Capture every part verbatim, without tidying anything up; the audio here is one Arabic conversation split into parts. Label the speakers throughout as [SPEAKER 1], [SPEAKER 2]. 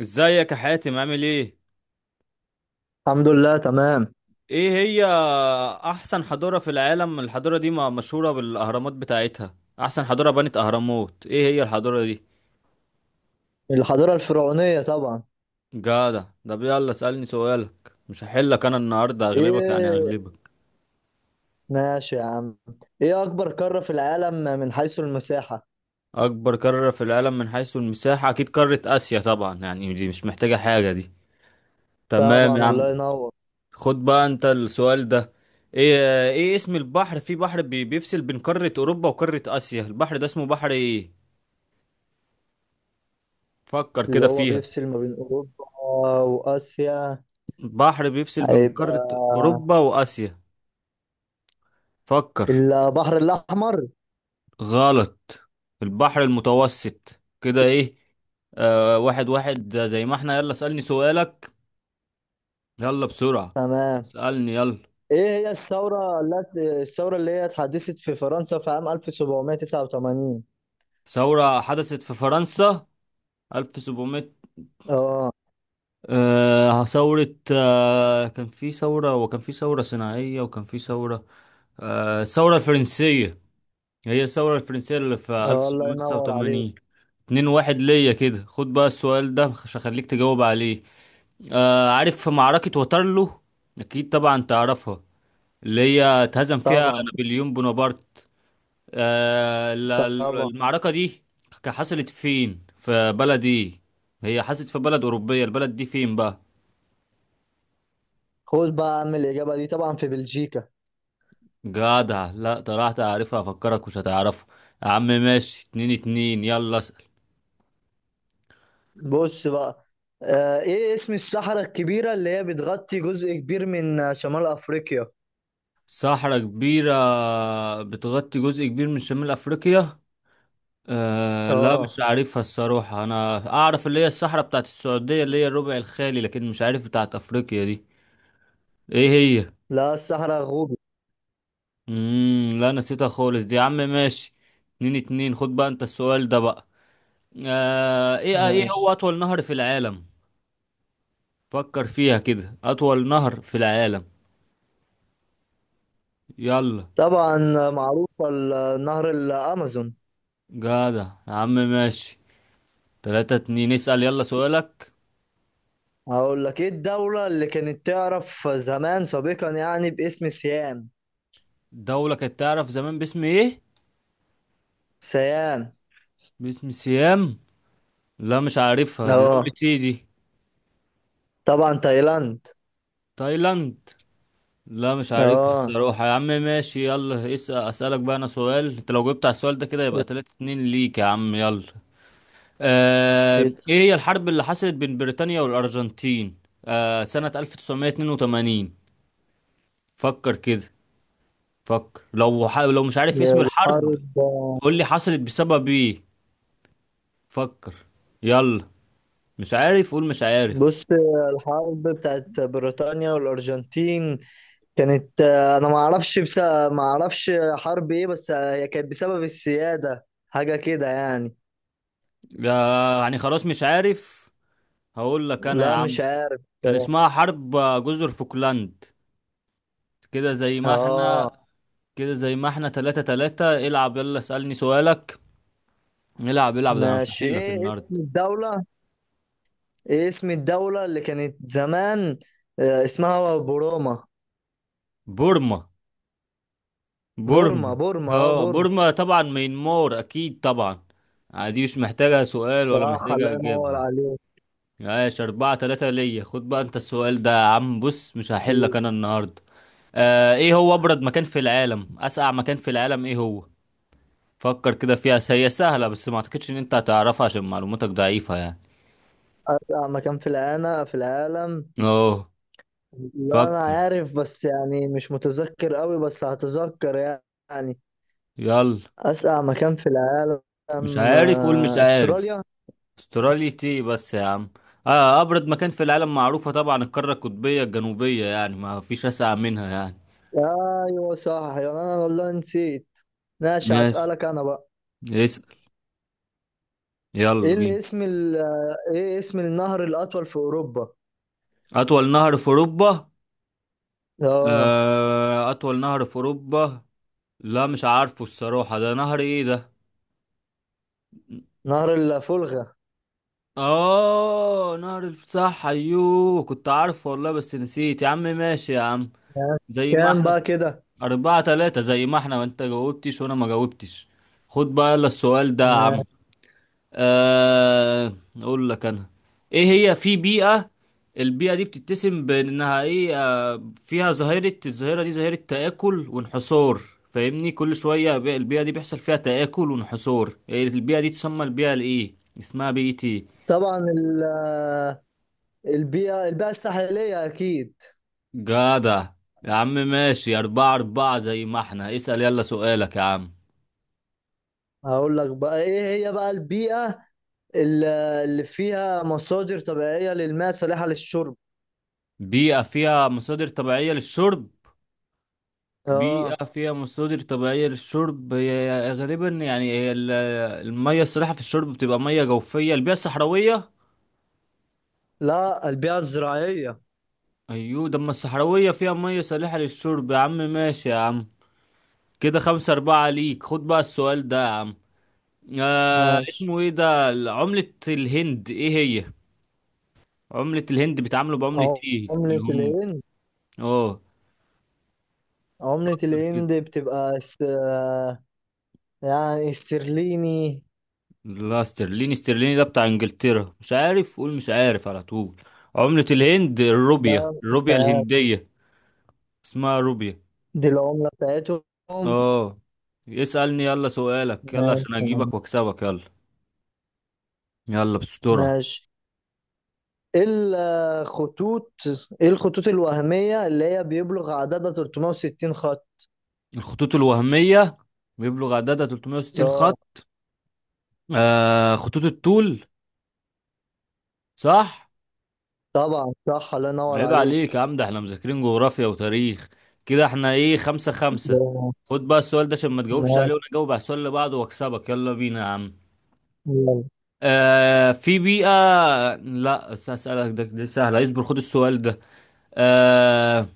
[SPEAKER 1] ازيك يا حاتم عامل ايه؟
[SPEAKER 2] الحمد لله، تمام.
[SPEAKER 1] ايه هي احسن حضارة في العالم؟ الحضارة دي ما- مشهورة بالاهرامات بتاعتها، احسن حضارة بنت اهرامات، ايه هي الحضارة دي؟
[SPEAKER 2] الحضارة الفرعونية طبعا.
[SPEAKER 1] جدع. طب يلا اسألني سؤالك، مش هحلك انا النهاردة، اغلبك يعني
[SPEAKER 2] ايه،
[SPEAKER 1] اغلبك.
[SPEAKER 2] ماشي يا عم. ايه اكبر قارة في العالم من حيث المساحة؟
[SPEAKER 1] اكبر قارة في العالم من حيث المساحة اكيد قارة اسيا طبعا، يعني دي مش محتاجة حاجة دي. تمام يا
[SPEAKER 2] طبعا، الله
[SPEAKER 1] عم.
[SPEAKER 2] ينور.
[SPEAKER 1] خد بقى انت السؤال ده. ايه ايه اسم البحر، في بحر بي- بيفصل بين قارة اوروبا وقارة اسيا، البحر ده اسمه بحر ايه؟ فكر
[SPEAKER 2] اللي
[SPEAKER 1] كده
[SPEAKER 2] هو
[SPEAKER 1] فيها.
[SPEAKER 2] بيفصل ما بين اوروبا واسيا،
[SPEAKER 1] بحر بيفصل بين قارة
[SPEAKER 2] هيبقى
[SPEAKER 1] أوروبا وآسيا. فكر.
[SPEAKER 2] البحر الاحمر.
[SPEAKER 1] غلط. البحر المتوسط، كده إيه. آه، واحد واحد، ده زي ما احنا. يلا اسألني سؤالك، يلا بسرعة،
[SPEAKER 2] تمام.
[SPEAKER 1] اسألني يلا.
[SPEAKER 2] ايه هي الثورة التي الثورة اللي هي اتحدثت في فرنسا في عام ألف وسبعمية تسعة وتمانين؟
[SPEAKER 1] ثورة حدثت في فرنسا ألف وسبعمية.
[SPEAKER 2] اه.
[SPEAKER 1] آه ثورة، آه كان في ثورة، وكان في ثورة صناعية، وكان في ثورة. آه، الثورة الفرنسية. هي الثورة الفرنسية اللي في
[SPEAKER 2] آه، الله ينور
[SPEAKER 1] ألف وسبعمية تسعة وتمانين.
[SPEAKER 2] عليك.
[SPEAKER 1] اتنين واحد ليا كده. خد بقى السؤال ده عشان اخليك تجاوب عليه. آه، عارف معركة واترلو؟ اكيد طبعا تعرفها، اللي هي اتهزم فيها
[SPEAKER 2] طبعا،
[SPEAKER 1] نابليون بونابرت. آه ال- ال-
[SPEAKER 2] طبعا.
[SPEAKER 1] المعركة دي ك- حصلت فين، في بلد ايه؟ هي حصلت في بلد أوروبية، البلد دي فين بقى؟
[SPEAKER 2] خد بقى يا عم الاجابة دي، طبعا في بلجيكا.
[SPEAKER 1] جدع. لا طلعت عارفها، افكرك مش هتعرفها. يا عم ماشي، اتنين اتنين، يلا.
[SPEAKER 2] بص بقى، آه ايه اسم الصحراء الكبيرة اللي هي بتغطي جزء كبير من آه، شمال افريقيا؟
[SPEAKER 1] صحراء كبيرة بتغطي جزء كبير من شمال أفريقيا. أه لا،
[SPEAKER 2] اه
[SPEAKER 1] مش عارفها الصراحة، أنا أعرف اللي هي الصحراء بتاعت السعودية اللي هي الربع الخالي، لكن مش عارف بتاعت أفريقيا دي. إيه هي؟
[SPEAKER 2] لا، الصحراء غوبي.
[SPEAKER 1] مم لا، نسيتها خالص دي، يا عم ماشي. اتنين اتنين. خد بقى أنت السؤال ده بقى. أه إيه إيه هو
[SPEAKER 2] ماشي.
[SPEAKER 1] أطول نهر في العالم؟ فكر فيها كده، أطول نهر في العالم. يلا.
[SPEAKER 2] طبعا آه، معروفة، ال- آه، نهر الامازون.
[SPEAKER 1] جدع يا عم ماشي. تلاتة اتنين، اسأل يلا سؤالك.
[SPEAKER 2] هقول لك، ايه الدولة اللي كانت تعرف زمان سابقا يعني باسم سيام؟
[SPEAKER 1] دولة كانت تعرف زمان باسم ايه؟
[SPEAKER 2] سيام.
[SPEAKER 1] باسم سيام؟ لا مش عارفها، دي دولة
[SPEAKER 2] اه
[SPEAKER 1] ايه دي؟
[SPEAKER 2] طبعا، تايلاند.
[SPEAKER 1] تايلاند؟ لا مش عارفها
[SPEAKER 2] اه
[SPEAKER 1] الصراحة يا عم، ماشي يلا اسأل، اسألك بقى انا سؤال، انت لو جبت على السؤال ده كده يبقى تلاتة اتنين ليك يا عم، يلا. آه...
[SPEAKER 2] إيه،
[SPEAKER 1] ايه هي الحرب اللي حصلت بين بريطانيا والأرجنتين؟ آه... سنة ألف وتسعمية اتنين وتمانين. فكر كده. فكر، لو ح... لو مش عارف اسم الحرب،
[SPEAKER 2] الحرب
[SPEAKER 1] قول لي حصلت بسبب ايه؟ فكر. يلا. مش عارف، قول مش عارف.
[SPEAKER 2] بص، الحرب بتاعت بريطانيا والأرجنتين كانت، آه، انا ما اعرفش، بس ما اعرفش حرب ايه. بس آه، هي كانت بسبب السيادة، حاجة كده يعني.
[SPEAKER 1] يا- يعني خلاص مش عارف. هقول لك انا يا
[SPEAKER 2] لا،
[SPEAKER 1] عم،
[SPEAKER 2] مش عارف
[SPEAKER 1] كان
[SPEAKER 2] بصراحة.
[SPEAKER 1] اسمها حرب جزر فوكلاند. كده زي ما
[SPEAKER 2] اه،
[SPEAKER 1] احنا كده زي ما احنا تلاتة تلاتة. العب يلا اسألني سؤالك، العب العب ده، انا مش
[SPEAKER 2] ماشي.
[SPEAKER 1] هحل لك
[SPEAKER 2] ايه
[SPEAKER 1] النهارده.
[SPEAKER 2] اسم الدولة ايه اسم الدولة اللي كانت زمان آه، اسمها بوروما.
[SPEAKER 1] بورما.
[SPEAKER 2] بورما،
[SPEAKER 1] بورما.
[SPEAKER 2] بورما، اه
[SPEAKER 1] اه
[SPEAKER 2] بورما.
[SPEAKER 1] بورما، طبعا مينمار اكيد طبعا. آه، دي مش محتاجة سؤال ولا
[SPEAKER 2] صح،
[SPEAKER 1] محتاجة
[SPEAKER 2] الله ينور
[SPEAKER 1] اجابة.
[SPEAKER 2] عليك.
[SPEAKER 1] ماشي، اربعة تلاتة ليا. خد بقى انت السؤال ده يا عم، بص مش هحل لك انا النهارده. آه، ايه هو ابرد مكان في العالم، اسقع مكان في العالم، ايه هو؟ فكر كده فيها، س- هي سهلة، بس ما اعتقدش ان انت هتعرفها عشان معلوماتك ضعيفة يعني.
[SPEAKER 2] أسرع مكان في العالم في العالم.
[SPEAKER 1] اوه.
[SPEAKER 2] لا أنا
[SPEAKER 1] فكر.
[SPEAKER 2] عارف، بس يعني مش متذكر قوي، بس هتذكر يعني.
[SPEAKER 1] يلا.
[SPEAKER 2] أسقع مكان في العالم،
[SPEAKER 1] مش عارف، قول مش
[SPEAKER 2] آه،
[SPEAKER 1] عارف.
[SPEAKER 2] أستراليا.
[SPEAKER 1] استراليا تي، بس يا عم. آه أبرد مكان في العالم معروفة طبعا، القارة القطبية الجنوبية، يعني ما فيش أسقع منها يعني.
[SPEAKER 2] أيوة صح، يعني أنا والله نسيت. ماشي،
[SPEAKER 1] ماشي،
[SPEAKER 2] هسألك أنا بقى.
[SPEAKER 1] اسأل يلا
[SPEAKER 2] إيه
[SPEAKER 1] بينا.
[SPEAKER 2] الاسم ال... آه، إيه اسم النهر الأطول في أوروبا؟
[SPEAKER 1] أطول نهر في أوروبا.
[SPEAKER 2] آه
[SPEAKER 1] آه أطول نهر في أوروبا. لا مش عارفه الصراحة، ده نهر إيه ده؟
[SPEAKER 2] نهر الفولغا.
[SPEAKER 1] اه نهر الفتح، ايوه كنت عارفه والله بس نسيت يا عم، ماشي يا عم.
[SPEAKER 2] ماشي.
[SPEAKER 1] زي ما
[SPEAKER 2] كام
[SPEAKER 1] احنا
[SPEAKER 2] بقى كده؟
[SPEAKER 1] اربعة تلاتة، زي ما احنا، وانت جاوبتش وانا ما جاوبتش. خد بقى يلا السؤال ده يا عم.
[SPEAKER 2] ماشي.
[SPEAKER 1] آه اقول لك انا، ايه هي، في بيئة، البيئة دي بتتسم بانها ايه، آه فيها ظاهرة، الظاهرة دي ظاهرة تآكل وانحصار. فاهمني، كل شوية، بي- البيئة دي بيحصل فيها تآكل وانحصار، إيه البيئة دي تسمى، البيئة الايه، اسمها بيئة ايه؟
[SPEAKER 2] طبعا ال... آه، البيئة البيئة الساحلية أكيد.
[SPEAKER 1] جدع يا عم ماشي، أربعة أربعة زي ما احنا. اسأل يلا سؤالك يا عم.
[SPEAKER 2] هقول لك بقى، إيه هي بقى البيئة ال- آه، اللي فيها مصادر طبيعية للماء صالحة للشرب؟
[SPEAKER 1] بيئة فيها مصادر طبيعية للشرب.
[SPEAKER 2] آه
[SPEAKER 1] بيئة فيها مصادر طبيعية للشرب، هي غالبا يعني هي ال- المية الصالحة في الشرب بتبقى مية جوفية، البيئة الصحراوية.
[SPEAKER 2] لا، البيئة الزراعية.
[SPEAKER 1] أيوة ده، أما الصحراوية فيها مية صالحة للشرب. يا عم ماشي يا عم، كده خمسة أربعة ليك. خد بقى السؤال ده يا عم. آه،
[SPEAKER 2] ماشي.
[SPEAKER 1] اسمه ايه ده، عملة الهند ايه هي، عملة الهند بيتعاملوا بعملة
[SPEAKER 2] عم-
[SPEAKER 1] ايه
[SPEAKER 2] عملة
[SPEAKER 1] الهنود؟
[SPEAKER 2] الهند.
[SPEAKER 1] اه
[SPEAKER 2] عملة
[SPEAKER 1] كده.
[SPEAKER 2] الهند بتبقى س... يعني استرليني.
[SPEAKER 1] لا استرليني، استرليني ده بتاع انجلترا، مش عارف قول مش عارف على طول. عملة الهند
[SPEAKER 2] ده
[SPEAKER 1] الروبيا، الروبيا الهندية، اسمها روبيا.
[SPEAKER 2] دي العملة بتاعتهم.
[SPEAKER 1] اه اسألني يلا سؤالك يلا عشان
[SPEAKER 2] ماشي.
[SPEAKER 1] اجيبك واكسبك، يلا يلا بسترة.
[SPEAKER 2] ماشي. ايه الخطوط ايه الخطوط الوهمية اللي هي بيبلغ عددها ثلاثمائة وستين خط؟
[SPEAKER 1] الخطوط الوهمية بيبلغ عددها تلتمية وستين
[SPEAKER 2] اه
[SPEAKER 1] خط. آه خطوط الطول، صح.
[SPEAKER 2] طبعا صح، الله ينور
[SPEAKER 1] عيب عليك يا
[SPEAKER 2] عليك.
[SPEAKER 1] عم، ده احنا مذاكرين جغرافيا وتاريخ. كده احنا ايه، خمسة خمسة.
[SPEAKER 2] آه،
[SPEAKER 1] خد بقى السؤال ده عشان ما تجاوبش
[SPEAKER 2] ماشي.
[SPEAKER 1] عليه، وانا اجاوب على السؤال اللي بعده واكسبك، يلا بينا يا عم.
[SPEAKER 2] يلا.
[SPEAKER 1] آه في بيئة، لا بس هسألك ده، دي سهلة اصبر، خد السؤال ده. آه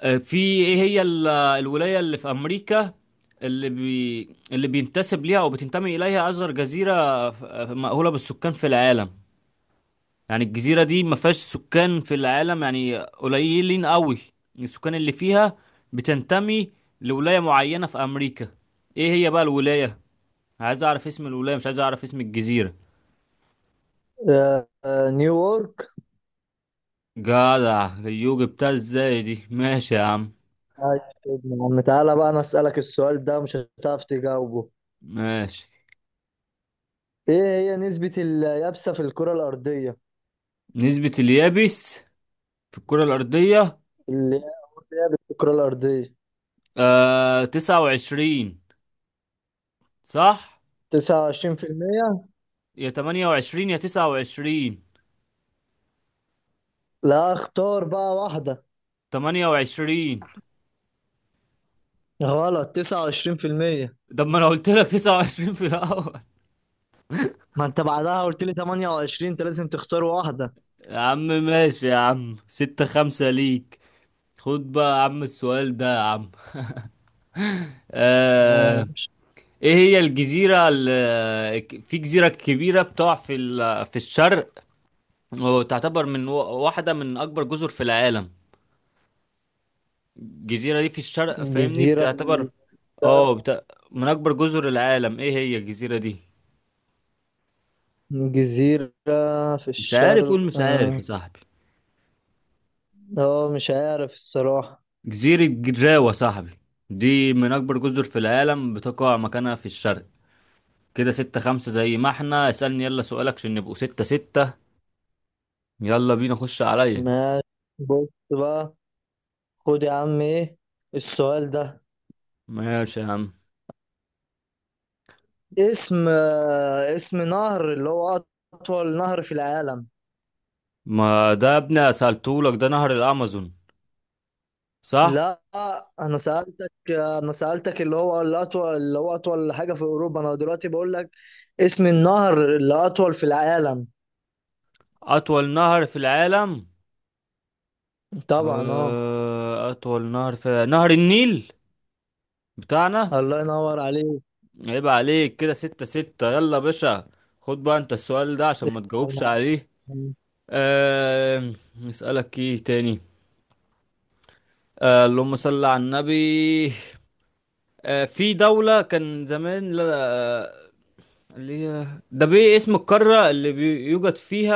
[SPEAKER 1] آه، في، ايه هي ال- الولاية اللي في أمريكا، اللي بي اللي بينتسب ليها أو بتنتمي إليها أصغر جزيرة ف- مأهولة بالسكان في العالم. يعني الجزيرة دي ما فيهاش سكان في العالم يعني، قليلين قوي السكان اللي فيها، بتنتمي لولاية معينة في أمريكا، ايه هي بقى الولاية؟ عايز أعرف اسم الولاية، مش عايز أعرف اسم الجزيرة.
[SPEAKER 2] آه، آه، نيويورك.
[SPEAKER 1] جدع، اليوجي بتاع ازاي دي، ماشي يا عم.
[SPEAKER 2] عايش يا ابني يا عم. تعالى بقى انا اسألك السؤال ده، مش هتعرف تجاوبه.
[SPEAKER 1] ماشي،
[SPEAKER 2] ايه هي نسبة اليابسة في الكرة الأرضية،
[SPEAKER 1] نسبة اليابس في الكرة الأرضية.
[SPEAKER 2] اللي هي لعبة في الكرة الأرضية؟
[SPEAKER 1] آه تسعة وعشرين، صح.
[SPEAKER 2] تسعة وعشرين بالمية.
[SPEAKER 1] يا تمانية وعشرين يا تسعة وعشرين.
[SPEAKER 2] لا، اختار بقى واحدة.
[SPEAKER 1] تمانية وعشرين.
[SPEAKER 2] غلط، تسعة وعشرين بالمية.
[SPEAKER 1] طب ما أنا قلت لك تسعة وعشرين في الأول
[SPEAKER 2] ما انت بعدها قلت لي ثمانية وعشرين، انت لازم تختار واحدة.
[SPEAKER 1] يا عم ماشي يا عم، ستة خمسة ليك. خد بقى يا عم السؤال ده يا عم.
[SPEAKER 2] آه،
[SPEAKER 1] آه، إيه هي الجزيرة ال- في جزيرة كبيرة بتقع في ال- في الشرق، وتعتبر من و- واحدة من أكبر جزر في العالم. الجزيرة دي في الشرق، فاهمني،
[SPEAKER 2] جزيرة في
[SPEAKER 1] بتعتبر
[SPEAKER 2] الشرق
[SPEAKER 1] اه بت... من أكبر جزر العالم، ايه هي الجزيرة دي؟
[SPEAKER 2] جزيرة في
[SPEAKER 1] مش عارف،
[SPEAKER 2] الشرق،
[SPEAKER 1] قول مش عارف يا
[SPEAKER 2] اه.
[SPEAKER 1] صاحبي.
[SPEAKER 2] آه، مش عارف الصراحة.
[SPEAKER 1] جزيرة جزاوة يا صاحبي، دي من أكبر جزر في العالم بتقع مكانها في الشرق. كده ستة خمسة زي ما احنا، اسألني يلا سؤالك عشان نبقوا ستة ستة، يلا بينا خش عليا.
[SPEAKER 2] ماشي، بص بقى. خد يا عم ايه السؤال ده.
[SPEAKER 1] ماشي يا عم،
[SPEAKER 2] اسم آه، اسم نهر اللي هو أطول نهر في العالم.
[SPEAKER 1] ما ده يا ابني سألتهولك، ده نهر الأمازون، صح؟
[SPEAKER 2] لا، أنا سألتك أنا سألتك اللي هو الأطول، اللي هو أطول حاجة في أوروبا. أنا دلوقتي بقول لك اسم النهر اللي أطول في العالم.
[SPEAKER 1] أطول نهر في العالم.
[SPEAKER 2] طبعا. أه
[SPEAKER 1] آه، أطول نهر في نهر النيل بتاعنا.
[SPEAKER 2] الله ينور عليك.
[SPEAKER 1] عيب عليك، كده ستة ستة، يلا يا باشا. خد بقى أنت السؤال ده عشان ما تجاوبش عليه. أه... نسألك إيه تاني. أه... اللهم صل على النبي. أه... في دولة كان زمان، لا لا، آه، اللي هي ده، بإيه اسم القارة اللي بيوجد فيها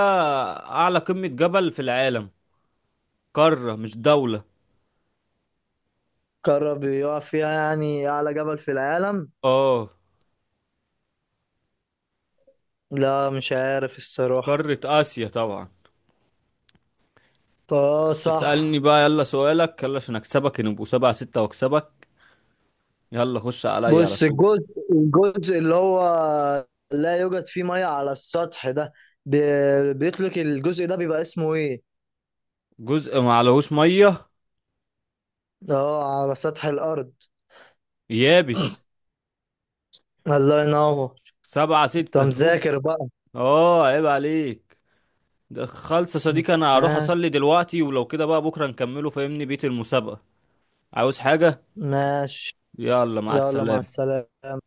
[SPEAKER 1] أعلى قمة جبل في العالم؟ قارة مش دولة.
[SPEAKER 2] قرب يقع فيها، يعني أعلى جبل في العالم.
[SPEAKER 1] اه
[SPEAKER 2] لا، مش عارف الصراحة.
[SPEAKER 1] قارة آسيا طبعا.
[SPEAKER 2] طه،
[SPEAKER 1] اس-
[SPEAKER 2] صح.
[SPEAKER 1] اسألني بقى يلا سؤالك يلا عشان اكسبك نبقوا سبعة ستة واكسبك، يلا خش عليا على
[SPEAKER 2] بص،
[SPEAKER 1] طول.
[SPEAKER 2] الجزء الجزء اللي هو لا يوجد فيه ميه على السطح ده، بي- بيطلق الجزء ده، بيبقى اسمه ايه؟
[SPEAKER 1] جزء ما عليهوش مية،
[SPEAKER 2] اه، على سطح الارض.
[SPEAKER 1] يابس.
[SPEAKER 2] الله ينور.
[SPEAKER 1] سبعة
[SPEAKER 2] انت
[SPEAKER 1] ستة، هوب.
[SPEAKER 2] مذاكر بقى.
[SPEAKER 1] اه عيب عليك ده خالص يا صديقي، انا هروح
[SPEAKER 2] ماشي.
[SPEAKER 1] اصلي دلوقتي، ولو كده بقى بكرة نكمله فاهمني، بيت المسابقة. عاوز حاجة؟
[SPEAKER 2] ماشي.
[SPEAKER 1] يلا مع
[SPEAKER 2] يلا، مع
[SPEAKER 1] السلامة.
[SPEAKER 2] السلامة.